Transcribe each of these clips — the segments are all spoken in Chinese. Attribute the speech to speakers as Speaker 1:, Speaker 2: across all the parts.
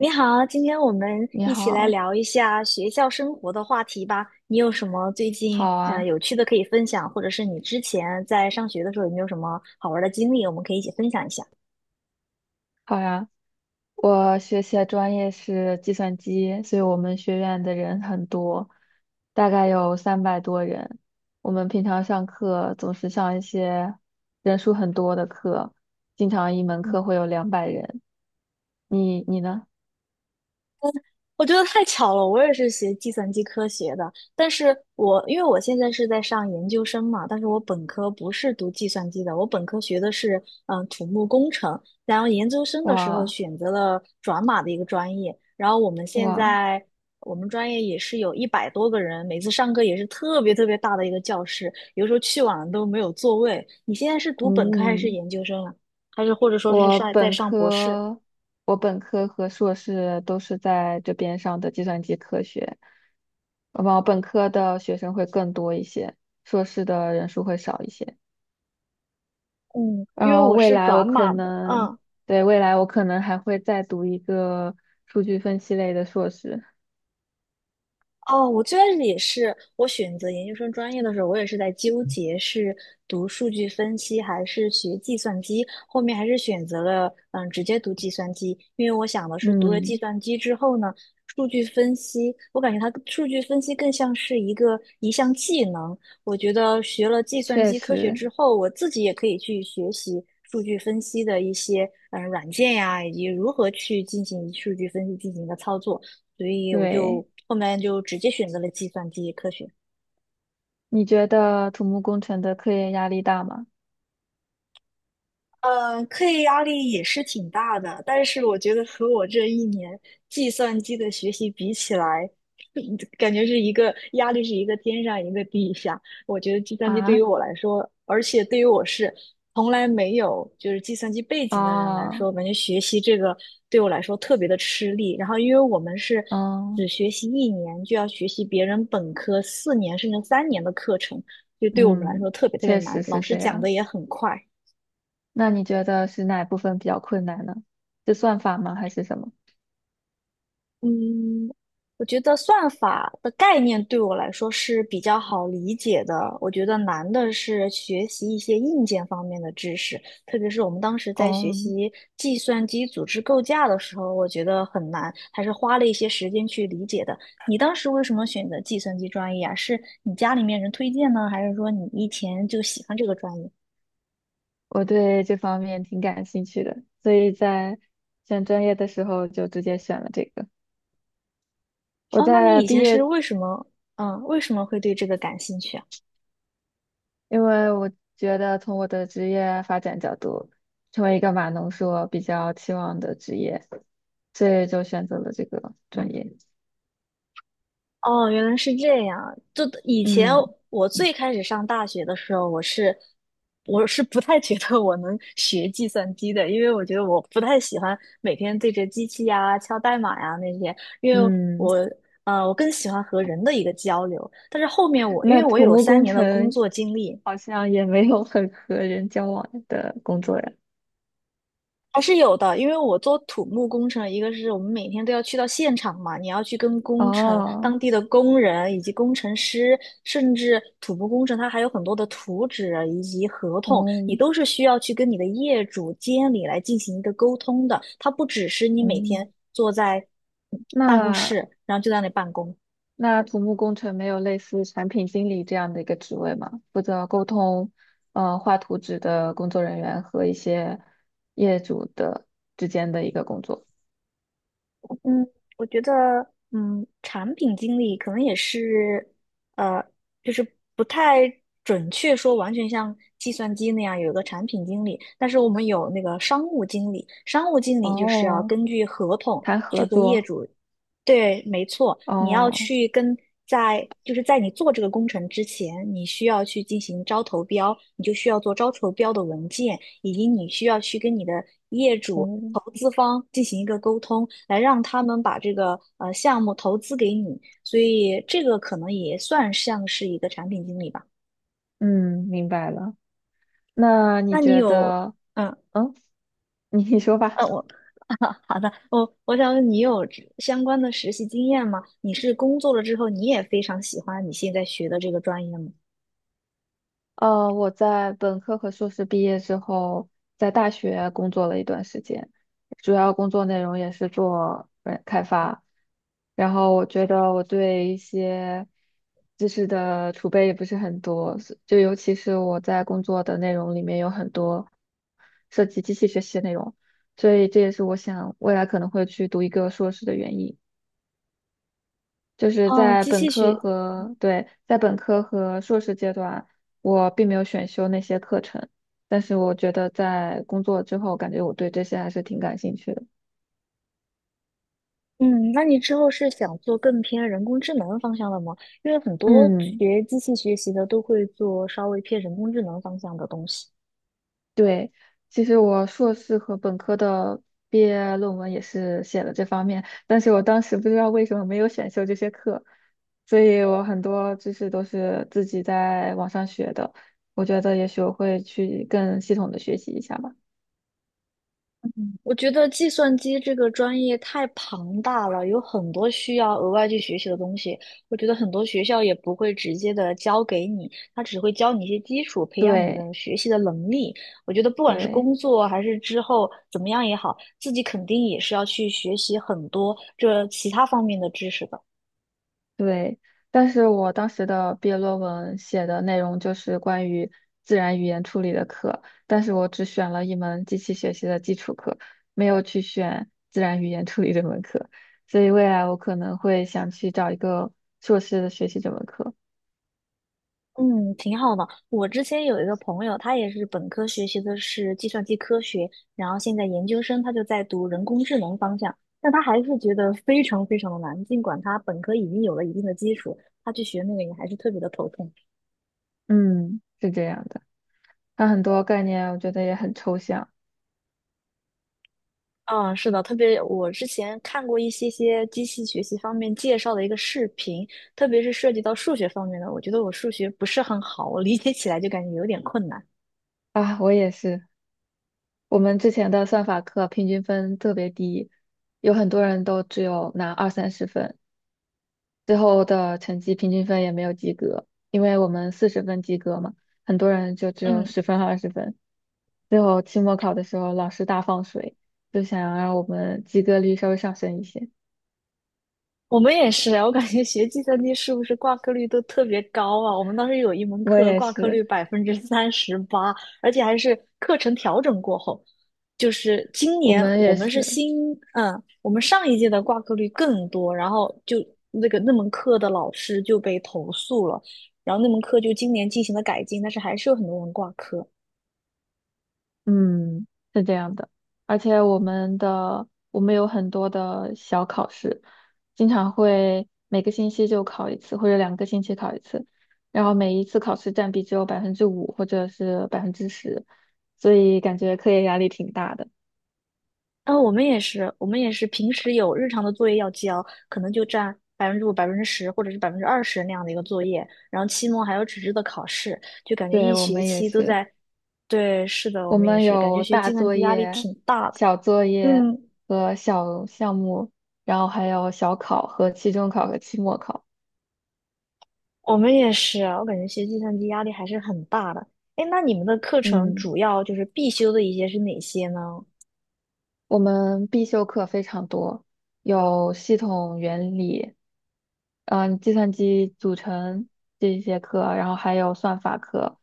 Speaker 1: 你好，今天我们
Speaker 2: 你
Speaker 1: 一起来
Speaker 2: 好，
Speaker 1: 聊一下学校生活的话题吧。你有什么最近
Speaker 2: 好啊，
Speaker 1: 有趣的可以分享，或者是你之前在上学的时候有没有什么好玩的经历，我们可以一起分享一下。
Speaker 2: 好呀。我学习的专业是计算机，所以我们学院的人很多，大概有300多人。我们平常上课总是上一些人数很多的课，经常一门
Speaker 1: 嗯。
Speaker 2: 课会有200人。你呢？
Speaker 1: 我觉得太巧了，我也是学计算机科学的，但是因为我现在是在上研究生嘛，但是我本科不是读计算机的，我本科学的是土木工程，然后研究生的时候
Speaker 2: 哇
Speaker 1: 选择了转码的一个专业，然后我们现
Speaker 2: 哇，
Speaker 1: 在我们专业也是有100多个人，每次上课也是特别特别大的一个教室，有时候去晚了都没有座位。你现在是读本科还是
Speaker 2: 嗯。
Speaker 1: 研究生啊？还是或者说是
Speaker 2: 我
Speaker 1: 上在
Speaker 2: 本
Speaker 1: 上博士？
Speaker 2: 科，我本科和硕士都是在这边上的计算机科学，我本科的学生会更多一些，硕士的人数会少一些。
Speaker 1: 嗯，
Speaker 2: 然
Speaker 1: 因为
Speaker 2: 后
Speaker 1: 我
Speaker 2: 未
Speaker 1: 是
Speaker 2: 来我
Speaker 1: 转
Speaker 2: 可
Speaker 1: 码的，
Speaker 2: 能，
Speaker 1: 嗯。
Speaker 2: 对，未来我可能还会再读一个数据分析类的硕士。
Speaker 1: 哦，我最开始也是，我选择研究生专业的时候，我也是在纠结是读数据分析还是学计算机，后面还是选择了直接读计算机，因为我想的是读了计
Speaker 2: 嗯，
Speaker 1: 算机之后呢，数据分析，我感觉它数据分析更像是一项技能，我觉得学了计算
Speaker 2: 确
Speaker 1: 机科学
Speaker 2: 实，
Speaker 1: 之后，我自己也可以去学习。数据分析的一些软件呀，以及如何去进行数据分析进行一个操作。所以我
Speaker 2: 对。
Speaker 1: 就后面就直接选择了计算机科学。
Speaker 2: 你觉得土木工程的科研压力大吗？
Speaker 1: 课业压力也是挺大的，但是我觉得和我这一年计算机的学习比起来，感觉是一个压力是一个天上一个地下。我觉得计算机对于
Speaker 2: 啊，
Speaker 1: 我来说，而且对于我是从来没有就是计算机背景的人来
Speaker 2: 啊，
Speaker 1: 说，感觉学习这个对我来说特别的吃力。然后因为我们是只
Speaker 2: 嗯
Speaker 1: 学习一年，就要学习别人本科4年甚至三年的课程，就对我们来
Speaker 2: 嗯，
Speaker 1: 说特别特别
Speaker 2: 确
Speaker 1: 难，
Speaker 2: 实
Speaker 1: 老
Speaker 2: 是
Speaker 1: 师
Speaker 2: 这
Speaker 1: 讲
Speaker 2: 样。
Speaker 1: 的也很快。
Speaker 2: 那你觉得是哪部分比较困难呢？是算法吗，还是什么？
Speaker 1: 嗯，我觉得算法的概念对我来说是比较好理解的。我觉得难的是学习一些硬件方面的知识，特别是我们当时在学
Speaker 2: 哦，
Speaker 1: 习计算机组织构架的时候，我觉得很难，还是花了一些时间去理解的。你当时为什么选择计算机专业啊？是你家里面人推荐呢，还是说你以前就喜欢这个专业？
Speaker 2: 我对这方面挺感兴趣的，所以在选专业的时候就直接选了这个。我
Speaker 1: 哦，那你
Speaker 2: 在
Speaker 1: 以
Speaker 2: 毕
Speaker 1: 前是
Speaker 2: 业，
Speaker 1: 为什么，为什么会对这个感兴趣啊？
Speaker 2: 因为我觉得从我的职业发展角度，成为一个码农是我比较期望的职业，所以就选择了这个专业。
Speaker 1: 哦，原来是这样。就以前
Speaker 2: 嗯
Speaker 1: 我最开始上大学的时候，我是不太觉得我能学计算机的，因为我觉得我不太喜欢每天对着机器呀、敲代码呀那些，因为我
Speaker 2: 嗯，
Speaker 1: 我更喜欢和人的一个交流。但是后面我因
Speaker 2: 那
Speaker 1: 为我
Speaker 2: 土
Speaker 1: 有
Speaker 2: 木
Speaker 1: 三
Speaker 2: 工
Speaker 1: 年的工
Speaker 2: 程
Speaker 1: 作经历，
Speaker 2: 好像也没有很和人交往的工作呀。
Speaker 1: 还是有的，因为我做土木工程，一个是我们每天都要去到现场嘛，你要去跟工程、当
Speaker 2: 哦，
Speaker 1: 地的工人以及工程师，甚至土木工程，它还有很多的图纸啊以及合同，你
Speaker 2: 哦，
Speaker 1: 都是需要去跟你的业主、监理来进行一个沟通的。它不只是你每
Speaker 2: 嗯，
Speaker 1: 天坐在办公
Speaker 2: 那
Speaker 1: 室，然后就在那里办公。
Speaker 2: 那土木工程没有类似产品经理这样的一个职位吗？负责沟通，画图纸的工作人员和一些业主的之间的一个工作。
Speaker 1: 嗯，我觉得，嗯，产品经理可能也是，呃，就是不太准确说完全像计算机那样有一个产品经理，但是我们有那个商务经理，商务经理就是要
Speaker 2: 哦，
Speaker 1: 根据合同
Speaker 2: 谈
Speaker 1: 去
Speaker 2: 合
Speaker 1: 和业
Speaker 2: 作。
Speaker 1: 主。对，没错，你要
Speaker 2: 哦，
Speaker 1: 去跟在就是在你做这个工程之前，你需要去进行招投标，你就需要做招投标的文件，以及你需要去跟你的业主、
Speaker 2: 哦，
Speaker 1: 投资方进行一个沟通，来让他们把这个项目投资给你。所以这个可能也算像是一个产品经理吧。
Speaker 2: 嗯，明白了。那你
Speaker 1: 那你
Speaker 2: 觉
Speaker 1: 有
Speaker 2: 得，
Speaker 1: 嗯
Speaker 2: 嗯，你说吧。
Speaker 1: 我 好的，我想问你有这相关的实习经验吗？你是工作了之后，你也非常喜欢你现在学的这个专业吗？
Speaker 2: 我在本科和硕士毕业之后，在大学工作了一段时间，主要工作内容也是做开发。然后我觉得我对一些知识的储备也不是很多，尤其是我在工作的内容里面有很多涉及机器学习的内容，所以这也是我想未来可能会去读一个硕士的原因。就是
Speaker 1: 哦，
Speaker 2: 在
Speaker 1: 机
Speaker 2: 本
Speaker 1: 器
Speaker 2: 科
Speaker 1: 学，
Speaker 2: 和，对，在本科和硕士阶段，我并没有选修那些课程，但是我觉得在工作之后，感觉我对这些还是挺感兴趣的。
Speaker 1: 嗯，那你之后是想做更偏人工智能方向的吗？因为很多
Speaker 2: 嗯，
Speaker 1: 学机器学习的都会做稍微偏人工智能方向的东西。
Speaker 2: 对，其实我硕士和本科的毕业论文也是写了这方面，但是我当时不知道为什么没有选修这些课，所以我很多知识都是自己在网上学的，我觉得也许我会去更系统的学习一下吧。
Speaker 1: 我觉得计算机这个专业太庞大了，有很多需要额外去学习的东西。我觉得很多学校也不会直接的教给你，他只会教你一些基础，培养你
Speaker 2: 对
Speaker 1: 的学习的能力。我觉得不管是
Speaker 2: 对。
Speaker 1: 工作还是之后怎么样也好，自己肯定也是要去学习很多这其他方面的知识的。
Speaker 2: 对，但是我当时的毕业论文写的内容就是关于自然语言处理的课，但是我只选了一门机器学习的基础课，没有去选自然语言处理这门课，所以未来我可能会想去找一个硕士的学习这门课。
Speaker 1: 嗯，挺好的。我之前有一个朋友，他也是本科学习的是计算机科学，然后现在研究生他就在读人工智能方向，但他还是觉得非常非常的难。尽管他本科已经有了一定的基础，他去学那个也还是特别的头痛。
Speaker 2: 嗯，是这样的，它很多概念我觉得也很抽象。
Speaker 1: 嗯，是的，特别我之前看过一些机器学习方面介绍的一个视频，特别是涉及到数学方面的，我觉得我数学不是很好，我理解起来就感觉有点困难。
Speaker 2: 啊，我也是，我们之前的算法课平均分特别低，有很多人都只有拿二三十分。最后的成绩平均分也没有及格，因为我们40分及格嘛，很多人就只有
Speaker 1: 嗯。
Speaker 2: 十分和20分。最后期末考的时候，老师大放水，就想让我们及格率稍微上升一些。
Speaker 1: 我们也是啊，我感觉学计算机是不是挂科率都特别高啊？我们当时有一门
Speaker 2: 我
Speaker 1: 课
Speaker 2: 也
Speaker 1: 挂科
Speaker 2: 是，
Speaker 1: 率38%，而且还是课程调整过后，就是今
Speaker 2: 我
Speaker 1: 年
Speaker 2: 们
Speaker 1: 我
Speaker 2: 也
Speaker 1: 们是
Speaker 2: 是。
Speaker 1: 新，我们上一届的挂科率更多，然后就那个那门课的老师就被投诉了，然后那门课就今年进行了改进，但是还是有很多人挂科。
Speaker 2: 嗯，是这样的，而且我们有很多的小考试，经常会每个星期就考一次，或者2个星期考一次，然后每一次考试占比只有5%或者是10%，所以感觉课业压力挺大的。
Speaker 1: 啊、我们也是，我们也是平时有日常的作业要交，可能就占5%、10%或者是20%那样的一个作业，然后期末还有纸质的考试，就感觉
Speaker 2: 对，
Speaker 1: 一
Speaker 2: 我
Speaker 1: 学
Speaker 2: 们也
Speaker 1: 期都
Speaker 2: 是，
Speaker 1: 在。对，是的，我
Speaker 2: 我
Speaker 1: 们也
Speaker 2: 们
Speaker 1: 是，感觉
Speaker 2: 有
Speaker 1: 学
Speaker 2: 大
Speaker 1: 计算
Speaker 2: 作
Speaker 1: 机压力
Speaker 2: 业、
Speaker 1: 挺大的。
Speaker 2: 小作业
Speaker 1: 嗯，
Speaker 2: 和小项目，然后还有小考和期中考和期末考。
Speaker 1: 我们也是啊，我感觉学计算机压力还是很大的。哎，那你们的课程
Speaker 2: 嗯。
Speaker 1: 主要就是必修的一些是哪些呢？
Speaker 2: 我们必修课非常多，有系统原理，计算机组成这一些课，然后还有算法课、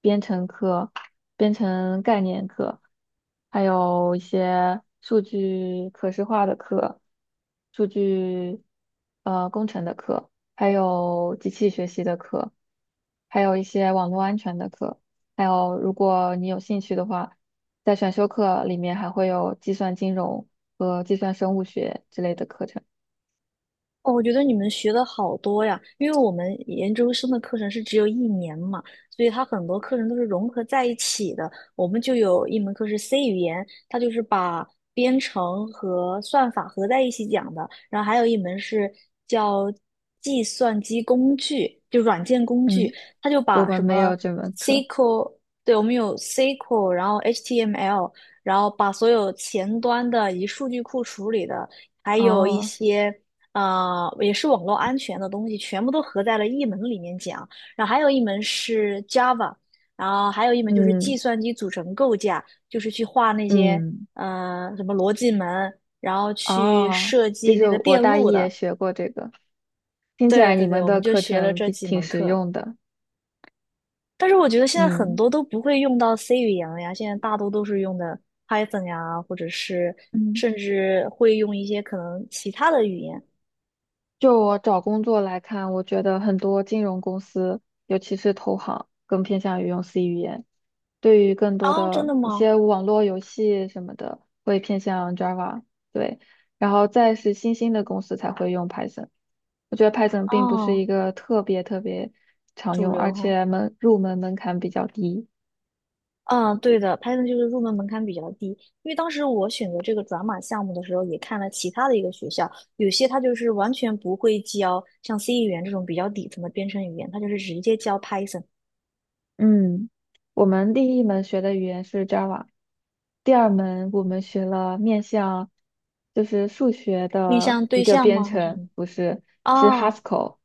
Speaker 2: 编程课、编程概念课，还有一些数据可视化的课、数据工程的课，还有机器学习的课，还有一些网络安全的课，还有如果你有兴趣的话。在选修课里面还会有计算金融和计算生物学之类的课程。
Speaker 1: 哦，我觉得你们学的好多呀，因为我们研究生的课程是只有一年嘛，所以它很多课程都是融合在一起的。我们就有一门课是 C 语言，它就是把编程和算法合在一起讲的，然后还有一门是叫计算机工具，就软件工具，
Speaker 2: 嗯，
Speaker 1: 它就
Speaker 2: 我
Speaker 1: 把
Speaker 2: 们
Speaker 1: 什
Speaker 2: 没
Speaker 1: 么
Speaker 2: 有这门课。
Speaker 1: SQL，对，我们有 SQL，然后 HTML，然后把所有前端的以数据库处理的。还有一
Speaker 2: 哦
Speaker 1: 些也是网络安全的东西，全部都合在了一门里面讲。然后还有一门是 Java，然后还有一门就是计
Speaker 2: 嗯
Speaker 1: 算机组成构架，就是去画那些
Speaker 2: 嗯，
Speaker 1: 什么逻辑门，然后去
Speaker 2: 哦，
Speaker 1: 设
Speaker 2: 就
Speaker 1: 计
Speaker 2: 是
Speaker 1: 那个
Speaker 2: 我
Speaker 1: 电
Speaker 2: 大
Speaker 1: 路
Speaker 2: 一也
Speaker 1: 的。
Speaker 2: 学过这个，听起
Speaker 1: 对
Speaker 2: 来你
Speaker 1: 对对，
Speaker 2: 们
Speaker 1: 我们
Speaker 2: 的
Speaker 1: 就
Speaker 2: 课
Speaker 1: 学了
Speaker 2: 程
Speaker 1: 这
Speaker 2: 比
Speaker 1: 几
Speaker 2: 挺
Speaker 1: 门
Speaker 2: 实
Speaker 1: 课。
Speaker 2: 用的。
Speaker 1: 但是我觉得现在很
Speaker 2: 嗯。
Speaker 1: 多都不会用到 C 语言了呀，现在大多都是用的 Python 呀，或者是
Speaker 2: 嗯
Speaker 1: 甚至会用一些可能其他的语言。
Speaker 2: 就我找工作来看，我觉得很多金融公司，尤其是投行，更偏向于用 C 语言。对于更多
Speaker 1: 啊，真
Speaker 2: 的
Speaker 1: 的
Speaker 2: 一
Speaker 1: 吗？
Speaker 2: 些网络游戏什么的，会偏向 Java，对，然后再是新兴的公司才会用 Python。我觉得 Python 并不是
Speaker 1: 哦，
Speaker 2: 一个特别特别常
Speaker 1: 主
Speaker 2: 用，
Speaker 1: 流
Speaker 2: 而
Speaker 1: 哈。
Speaker 2: 且入门门槛比较低。
Speaker 1: 嗯，对的，Python 就是入门门槛比较低，因为当时我选择这个转码项目的时候，也看了其他的一个学校，有些它就是完全不会教像 C 语言这种比较底层的编程语言，它就是直接教 Python，
Speaker 2: 嗯，我们第一门学的语言是 Java，第二门我们学了就是数学
Speaker 1: 面
Speaker 2: 的
Speaker 1: 向
Speaker 2: 一
Speaker 1: 对
Speaker 2: 个
Speaker 1: 象
Speaker 2: 编
Speaker 1: 吗？还是什
Speaker 2: 程，
Speaker 1: 么？
Speaker 2: 不是，是
Speaker 1: 哦
Speaker 2: Haskell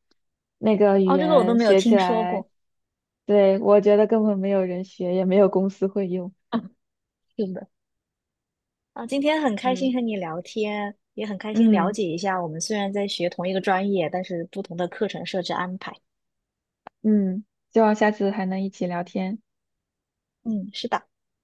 Speaker 2: 那个语
Speaker 1: 哦，这个我都
Speaker 2: 言
Speaker 1: 没有
Speaker 2: 学起
Speaker 1: 听说
Speaker 2: 来，
Speaker 1: 过。
Speaker 2: 对，我觉得根本没有人学，也没有公司会用。
Speaker 1: 是的。啊，今天很开心
Speaker 2: 嗯
Speaker 1: 和你聊天，也很开心了
Speaker 2: 嗯
Speaker 1: 解一下我们虽然在学同一个专业，但是不同的课程设置安排。
Speaker 2: 嗯，希望下次还能一起聊天。
Speaker 1: 嗯，是的。